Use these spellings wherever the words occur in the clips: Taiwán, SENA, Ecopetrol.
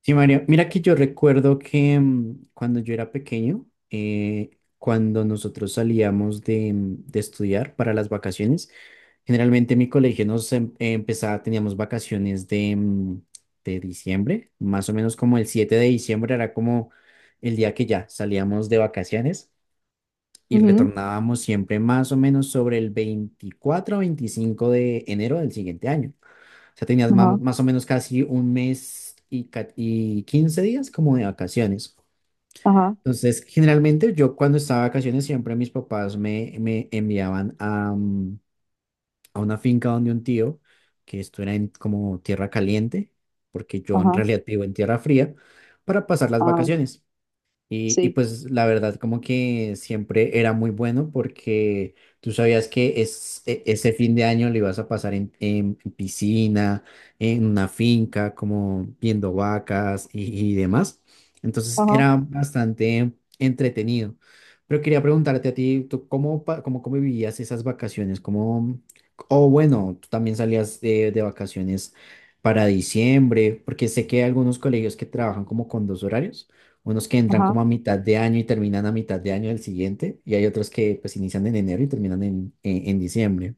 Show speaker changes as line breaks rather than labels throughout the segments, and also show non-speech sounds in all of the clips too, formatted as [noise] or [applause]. Sí, María, mira que yo recuerdo que cuando yo era pequeño, cuando nosotros salíamos de estudiar para las vacaciones. Generalmente en mi colegio nos empezaba, teníamos vacaciones de diciembre, más o menos como el 7 de diciembre era como el día que ya salíamos de vacaciones, y
Ujú,
retornábamos siempre más o menos sobre el 24 o 25 de enero del siguiente año. Sea, tenías más,
ajá,
o menos casi un mes y 15 días como de vacaciones.
ajá,
Entonces, generalmente yo cuando estaba de vacaciones, siempre mis papás me enviaban a una finca donde un tío, que esto era en como tierra caliente, porque yo en
ajá,
realidad vivo en tierra fría, para pasar las
ajá,
vacaciones. Y
sí,
pues la verdad como que siempre era muy bueno, porque tú sabías que ese fin de año lo ibas a pasar en, en piscina, en una finca, como viendo vacas y demás. Entonces
ajá,
era bastante entretenido. Pero quería preguntarte a ti, ¿tú cómo vivías esas vacaciones? O bueno, ¿tú también salías de vacaciones para diciembre? Porque sé que hay algunos colegios que trabajan como con dos horarios. Unos que entran
ajá.
como a mitad de año y terminan a mitad de año del siguiente, y hay otros que pues inician en enero y terminan en, en diciembre.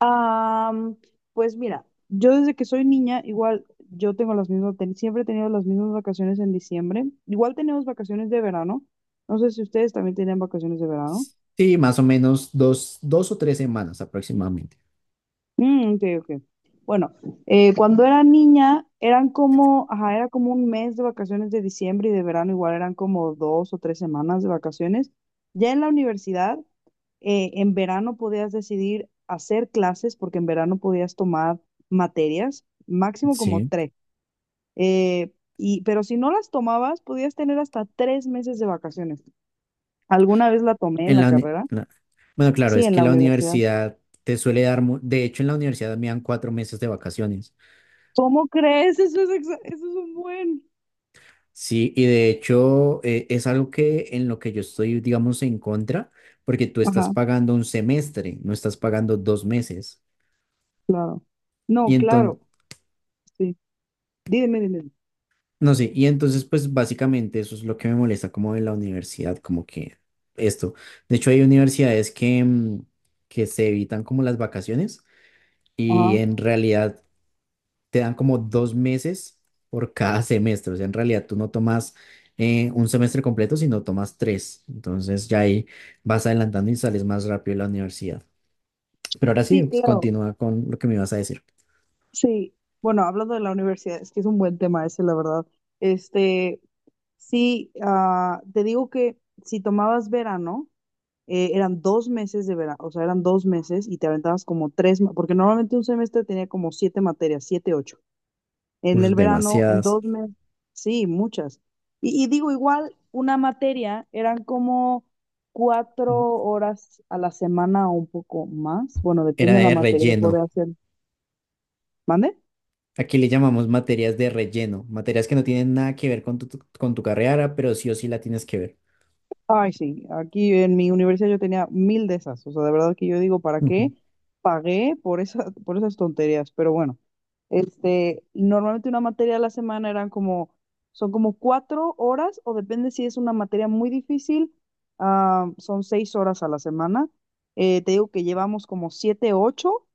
Am, pues mira, yo desde que soy niña, igual yo tengo las mismas, siempre he tenido las mismas vacaciones en diciembre. Igual tenemos vacaciones de verano. No sé si ustedes también tienen vacaciones de verano.
Sí, más o menos dos, 2 o 3 semanas aproximadamente.
Mm, ok, ok. Bueno, cuando era niña, eran como, ajá, era como un mes de vacaciones de diciembre y de verano, igual eran como 2 o 3 semanas de vacaciones. Ya en la universidad. En verano podías decidir hacer clases porque en verano podías tomar materias, máximo como
Sí.
tres. Y, pero si no las tomabas, podías tener hasta 3 meses de vacaciones. ¿Alguna vez la tomé en
En
la
la, uni-
carrera?
la- Bueno, claro,
Sí,
es
en
que
la
la
universidad.
universidad te suele de hecho en la universidad me dan 4 meses de vacaciones.
¿Cómo crees? Eso es, eso es un buen.
Sí, y de hecho es algo que en lo que yo estoy, digamos, en contra, porque tú estás
Ajá,
pagando un semestre, no estás pagando 2 meses.
claro. No,
Y entonces,
claro, sí. Dime, dime, dime.
No sé, y entonces pues básicamente eso es lo que me molesta como de la universidad, como que esto. De hecho hay universidades que se evitan como las vacaciones, y
Ajá.
en realidad te dan como 2 meses por cada [laughs] semestre. O sea, en realidad tú no tomas un semestre completo, sino tomas tres. Entonces ya ahí vas adelantando y sales más rápido de la universidad. Pero ahora sí,
Sí,
pues,
claro,
continúa con lo que me ibas a decir.
sí. Bueno, hablando de la universidad, es que es un buen tema ese, la verdad. Este, Sí, ah, te digo que si tomabas verano, eran 2 meses de verano, o sea, eran 2 meses y te aventabas como tres, porque normalmente un semestre tenía como siete materias, siete, ocho. En
Pues
el verano, en
demasiadas.
2 meses, sí, muchas. Y digo, igual, una materia eran como 4 horas a la semana o un poco más. Bueno,
Era
depende de la
de
materia,
relleno.
podría ser. ¿Mande?
Aquí le llamamos materias de relleno, materias que no tienen nada que ver con tu carrera, pero sí o sí la tienes que ver.
Ay, sí, aquí en mi universidad yo tenía mil de esas. O sea, de verdad que yo digo, ¿para
Ujú,
qué pagué por esas tonterías? Pero bueno, normalmente una materia a la semana eran como, son como 4 horas, o depende si es una materia muy difícil, ah, son 6 horas a la semana. Te digo que llevamos como siete, ocho.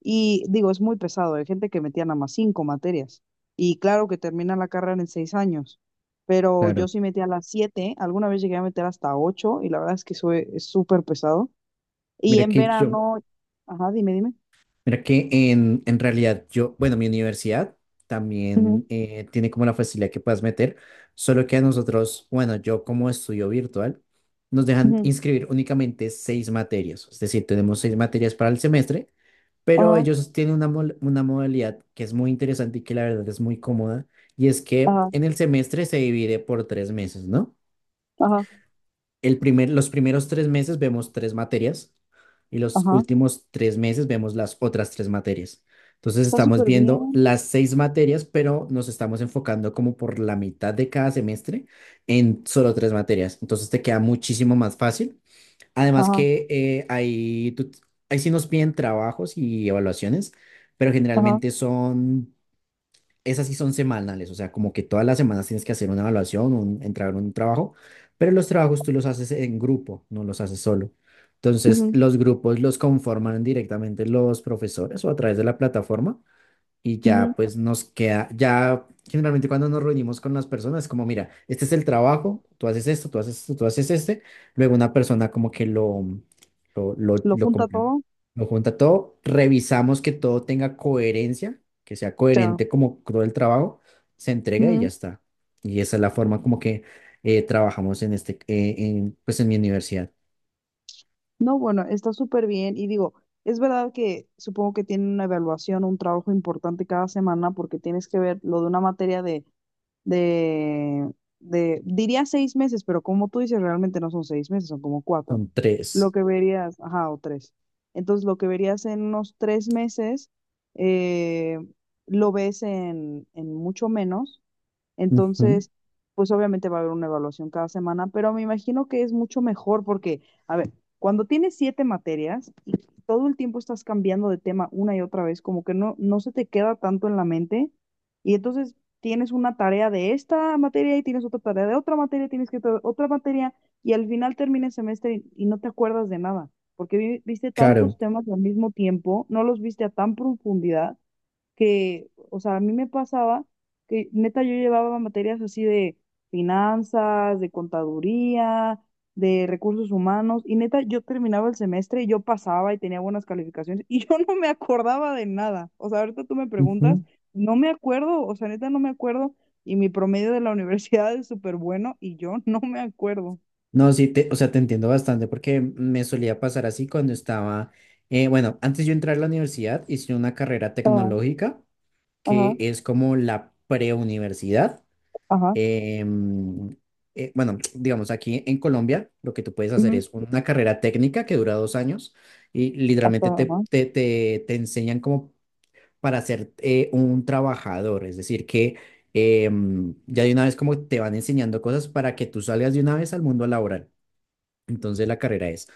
Y digo, es muy pesado, hay gente que metía nada más cinco materias. Y claro que termina la carrera en 6 años, pero yo
claro.
sí metía las siete, alguna vez llegué a meter hasta ocho y la verdad es que eso es súper pesado. Y
Mira
en
que yo,
verano, ajá, dime, dime.
mira que en realidad yo, bueno, mi universidad
Ujú,
también tiene como la facilidad que puedas meter, solo que a nosotros, bueno, yo como estudio virtual, nos dejan
ujú,
inscribir únicamente seis materias, es decir, tenemos seis materias para el semestre, pero
ajá,
ellos tienen una modalidad que es muy interesante y que la verdad es muy cómoda, y es que
ajá,
en el semestre se divide por 3 meses, ¿no?
ajá,
Los primeros 3 meses vemos tres materias, y los
ajá.
últimos 3 meses vemos las otras tres materias. Entonces
Está
estamos
súper
viendo
bien.
las seis materias, pero nos estamos enfocando como por la mitad de cada semestre en solo tres materias. Entonces te queda muchísimo más fácil. Además
Ajá,
que ahí sí nos piden trabajos y evaluaciones, pero
ajá,
generalmente esas sí son semanales. O sea, como que todas las semanas tienes que hacer una evaluación, entrar en un trabajo, pero los trabajos tú los haces en grupo, no los haces solo. Entonces,
ujú,
los grupos los conforman directamente los profesores o a través de la plataforma, y ya
ujú.
pues nos queda, ya generalmente cuando nos reunimos con las personas, como: mira, este es el trabajo, tú haces esto, tú haces esto, tú haces este, luego una persona como que lo, lo,
Lo
lo, como-
junta todo.
lo junta todo, revisamos que todo tenga coherencia, que sea
Claro.
coherente como todo el trabajo, se entrega y ya está. Y esa es la forma como que trabajamos en este, pues en mi universidad.
No, bueno, está súper bien. Y digo, es verdad que supongo que tienen una evaluación, un trabajo importante cada semana porque tienes que ver lo de una materia de, de diría 6 meses, pero como tú dices, realmente no son 6 meses, son como cuatro.
Son
Lo
tres.
que verías, ajá, o tres. Entonces, lo que verías en unos 3 meses, eh, lo ves en mucho menos
Ujú,
entonces, pues obviamente va a haber una evaluación cada semana, pero me imagino que es mucho mejor porque, a ver, cuando tienes siete materias y todo el tiempo estás cambiando de tema una y otra vez, como que no, no se te queda tanto en la mente y entonces tienes una tarea de esta materia y tienes otra tarea de otra materia, tienes que otra materia y al final termina el semestre y no te acuerdas de nada, porque viste tantos
claro.
temas al mismo tiempo, no los viste a tan profundidad que, o sea, a mí me pasaba que neta yo llevaba materias así de finanzas, de contaduría, de recursos humanos, y neta yo terminaba el semestre y yo pasaba y tenía buenas calificaciones y [laughs] yo no me acordaba de nada. O sea, ahorita tú me preguntas, no me acuerdo, o sea, neta no me acuerdo, y mi promedio de la [laughs] universidad es súper bueno y yo no me acuerdo.
No, sí, o sea, te entiendo bastante, porque me solía pasar así cuando estaba, bueno, antes yo entrar a la universidad hice una carrera
Ah,
tecnológica, que
ajá,
es como la preuniversidad.
ajá,
em, bueno, [tsk] digamos, aquí en Colombia lo que tú puedes hacer
ujú,
es una carrera técnica que dura 2 años, y
hasta,
literalmente te,
ajá,
te, te, te enseñan como para ser un trabajador, es decir, que ya de una vez como te van enseñando cosas para que tú salgas de una vez al mundo laboral. Entonces la carrera es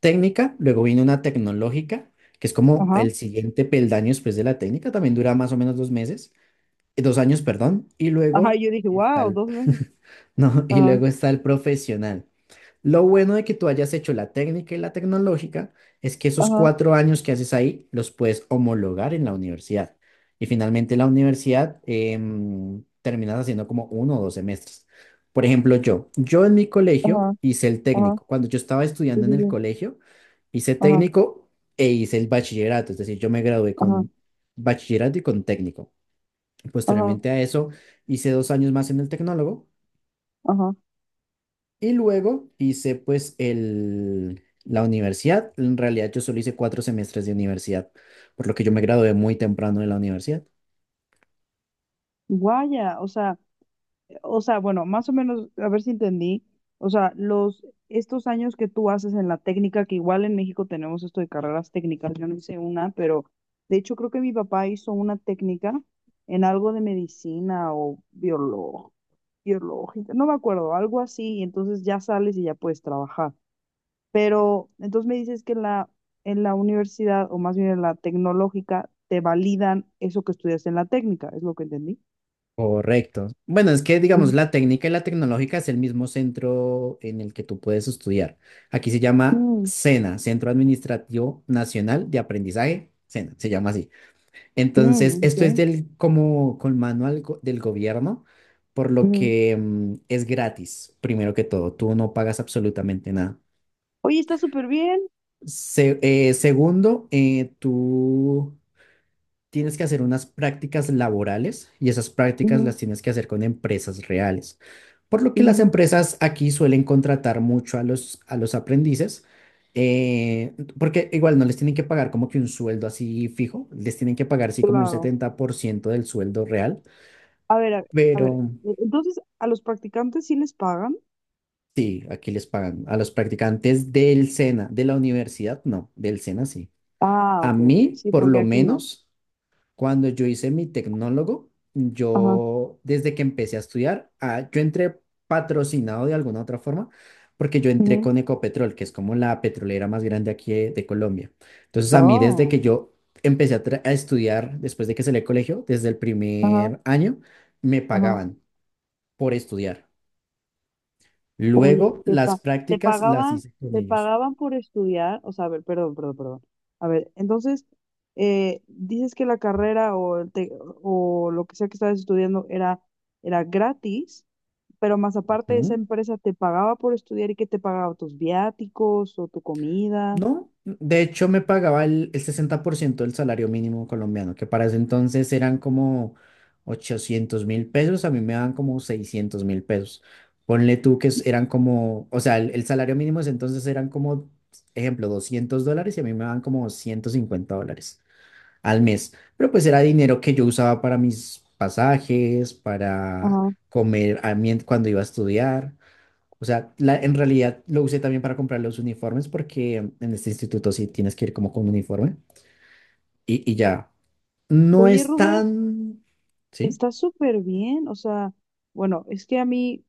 técnica, luego viene una tecnológica, que es como
ajá,
el siguiente peldaño después de la técnica, también dura más o menos 2 meses, 2 años, perdón, y
ajá,
luego
y yo dije,
está
wow,
el,
dos veces,
[laughs] no, y
ajá,
luego está el profesional. Lo bueno de que tú hayas hecho la técnica y la tecnológica es que esos
ajá,
4 años que haces ahí los puedes homologar en la universidad. Y finalmente la universidad terminas haciendo como 1 o 2 semestres. Por ejemplo, yo en mi colegio
ajá,
hice el
ajá,
técnico. Cuando yo estaba
sí,
estudiando en
sí,
el
sí.
colegio, hice
Ajá,
técnico e hice el bachillerato. Es decir, yo me gradué
ajá,
con bachillerato y con técnico.
ajá,
Posteriormente a eso, hice 2 años más en el tecnólogo,
ajá.
y luego hice pues la universidad. En realidad yo solo hice 4 semestres de universidad, por lo que yo me gradué muy temprano de la universidad.
Guaya, o sea, bueno, más o menos, a ver si entendí. O sea, estos años que tú haces en la técnica, que igual en México tenemos esto de carreras técnicas, yo no hice una, pero de hecho creo que mi papá hizo una técnica en algo de medicina o biológica, no me acuerdo, algo así, y entonces ya sales y ya puedes trabajar. Pero entonces me dices que en la universidad, o más bien en la tecnológica, te validan eso que estudiaste en la técnica, es lo que entendí.
Correcto. Bueno, es que digamos
Ujú,
la técnica y la tecnológica es el mismo centro en el que tú puedes estudiar. Aquí se llama
mm,
SENA, Centro Administrativo Nacional de Aprendizaje, SENA, se llama así. Entonces,
mm,
esto es
ok,
del como con manual del gobierno, por lo
ujú.
que es gratis, primero que todo. Tú no pagas absolutamente nada.
Oye, está súper bien.
Segundo, tú tienes que hacer unas prácticas laborales, y esas prácticas
Ujú,
las tienes que hacer con empresas reales. Por lo que las
ujú,
empresas aquí suelen contratar mucho a los, aprendices, porque igual no les tienen que pagar como que un sueldo así fijo, les tienen que pagar así como un
claro.
70% del sueldo real,
A ver, a ver, a
pero
ver. Entonces, ¿a los practicantes sí les pagan?
sí, aquí les pagan a los practicantes del SENA, de la universidad, no, del SENA sí.
Ah,
A
ok, ok.
mí,
Sí,
por
porque
lo
aquí no.
menos. Cuando yo hice mi tecnólogo,
Ajá,
yo desde que empecé a estudiar, ah, yo entré patrocinado de alguna otra forma, porque yo entré
ujú.
con Ecopetrol, que es como la petrolera más grande aquí de Colombia. Entonces a mí, desde
Oh,
que yo empecé a estudiar, después de que salí del colegio, desde el
ajá,
primer año, me
ajá.
pagaban por estudiar.
Uy,
Luego las
te
prácticas las
pagaban,
hice con
te
ellos.
pagaban por estudiar, o sea, a ver, perdón, perdón, perdón. A ver, entonces, dices que la carrera o, o lo que sea que estabas estudiando era, gratis, pero más aparte esa empresa te pagaba por estudiar y que te pagaba tus viáticos o tu comida.
No, de hecho me pagaba el 60% del salario mínimo colombiano, que para ese entonces eran como 800.000 pesos; a mí me daban como 600.000 pesos. Ponle tú que eran como, o sea, el salario mínimo de ese entonces eran como, ejemplo, $200, y a mí me daban como $150 al mes. Pero pues era dinero que yo usaba para mis pasajes, para
Ajá.
comer cuando iba a estudiar. O sea, en realidad lo usé también para comprar los uniformes, porque en este instituto sí tienes que ir como con uniforme, y ya. No
Oye,
es
Rubén.
tan. Sí.
Está súper bien, o sea, bueno, es que a mí,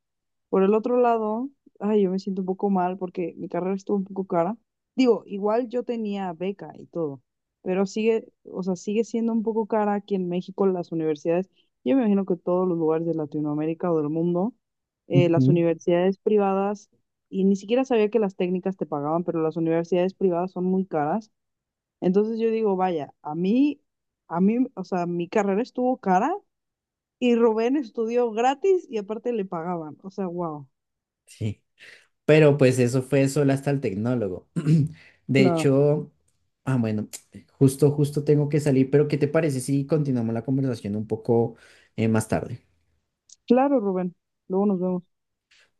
por el otro lado, ay, yo me siento un poco mal porque mi carrera estuvo un poco cara. Digo, igual yo tenía beca y todo, pero sigue, o sea, sigue siendo un poco cara aquí en México las universidades. Yo me imagino que todos los lugares de Latinoamérica o del mundo, las
Ujú.
universidades privadas, y ni siquiera sabía que las técnicas te pagaban, pero las universidades privadas son muy caras. Entonces yo digo, vaya, a mí, o sea, mi carrera estuvo cara y Rubén estudió gratis y aparte le pagaban. O sea, wow.
Sí. Pero pues eso fue solo hasta el tecnólogo. [clears throat] De
Claro,
hecho, ah, bueno, [tsk] justo tengo que salir, pero ¿qué te parece si continuamos la conversación un poco más tarde?
claro, Rubén. Luego nos vemos.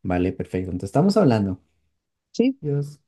Vale, perfecto. Entonces estamos hablando.
Sí.
Dios.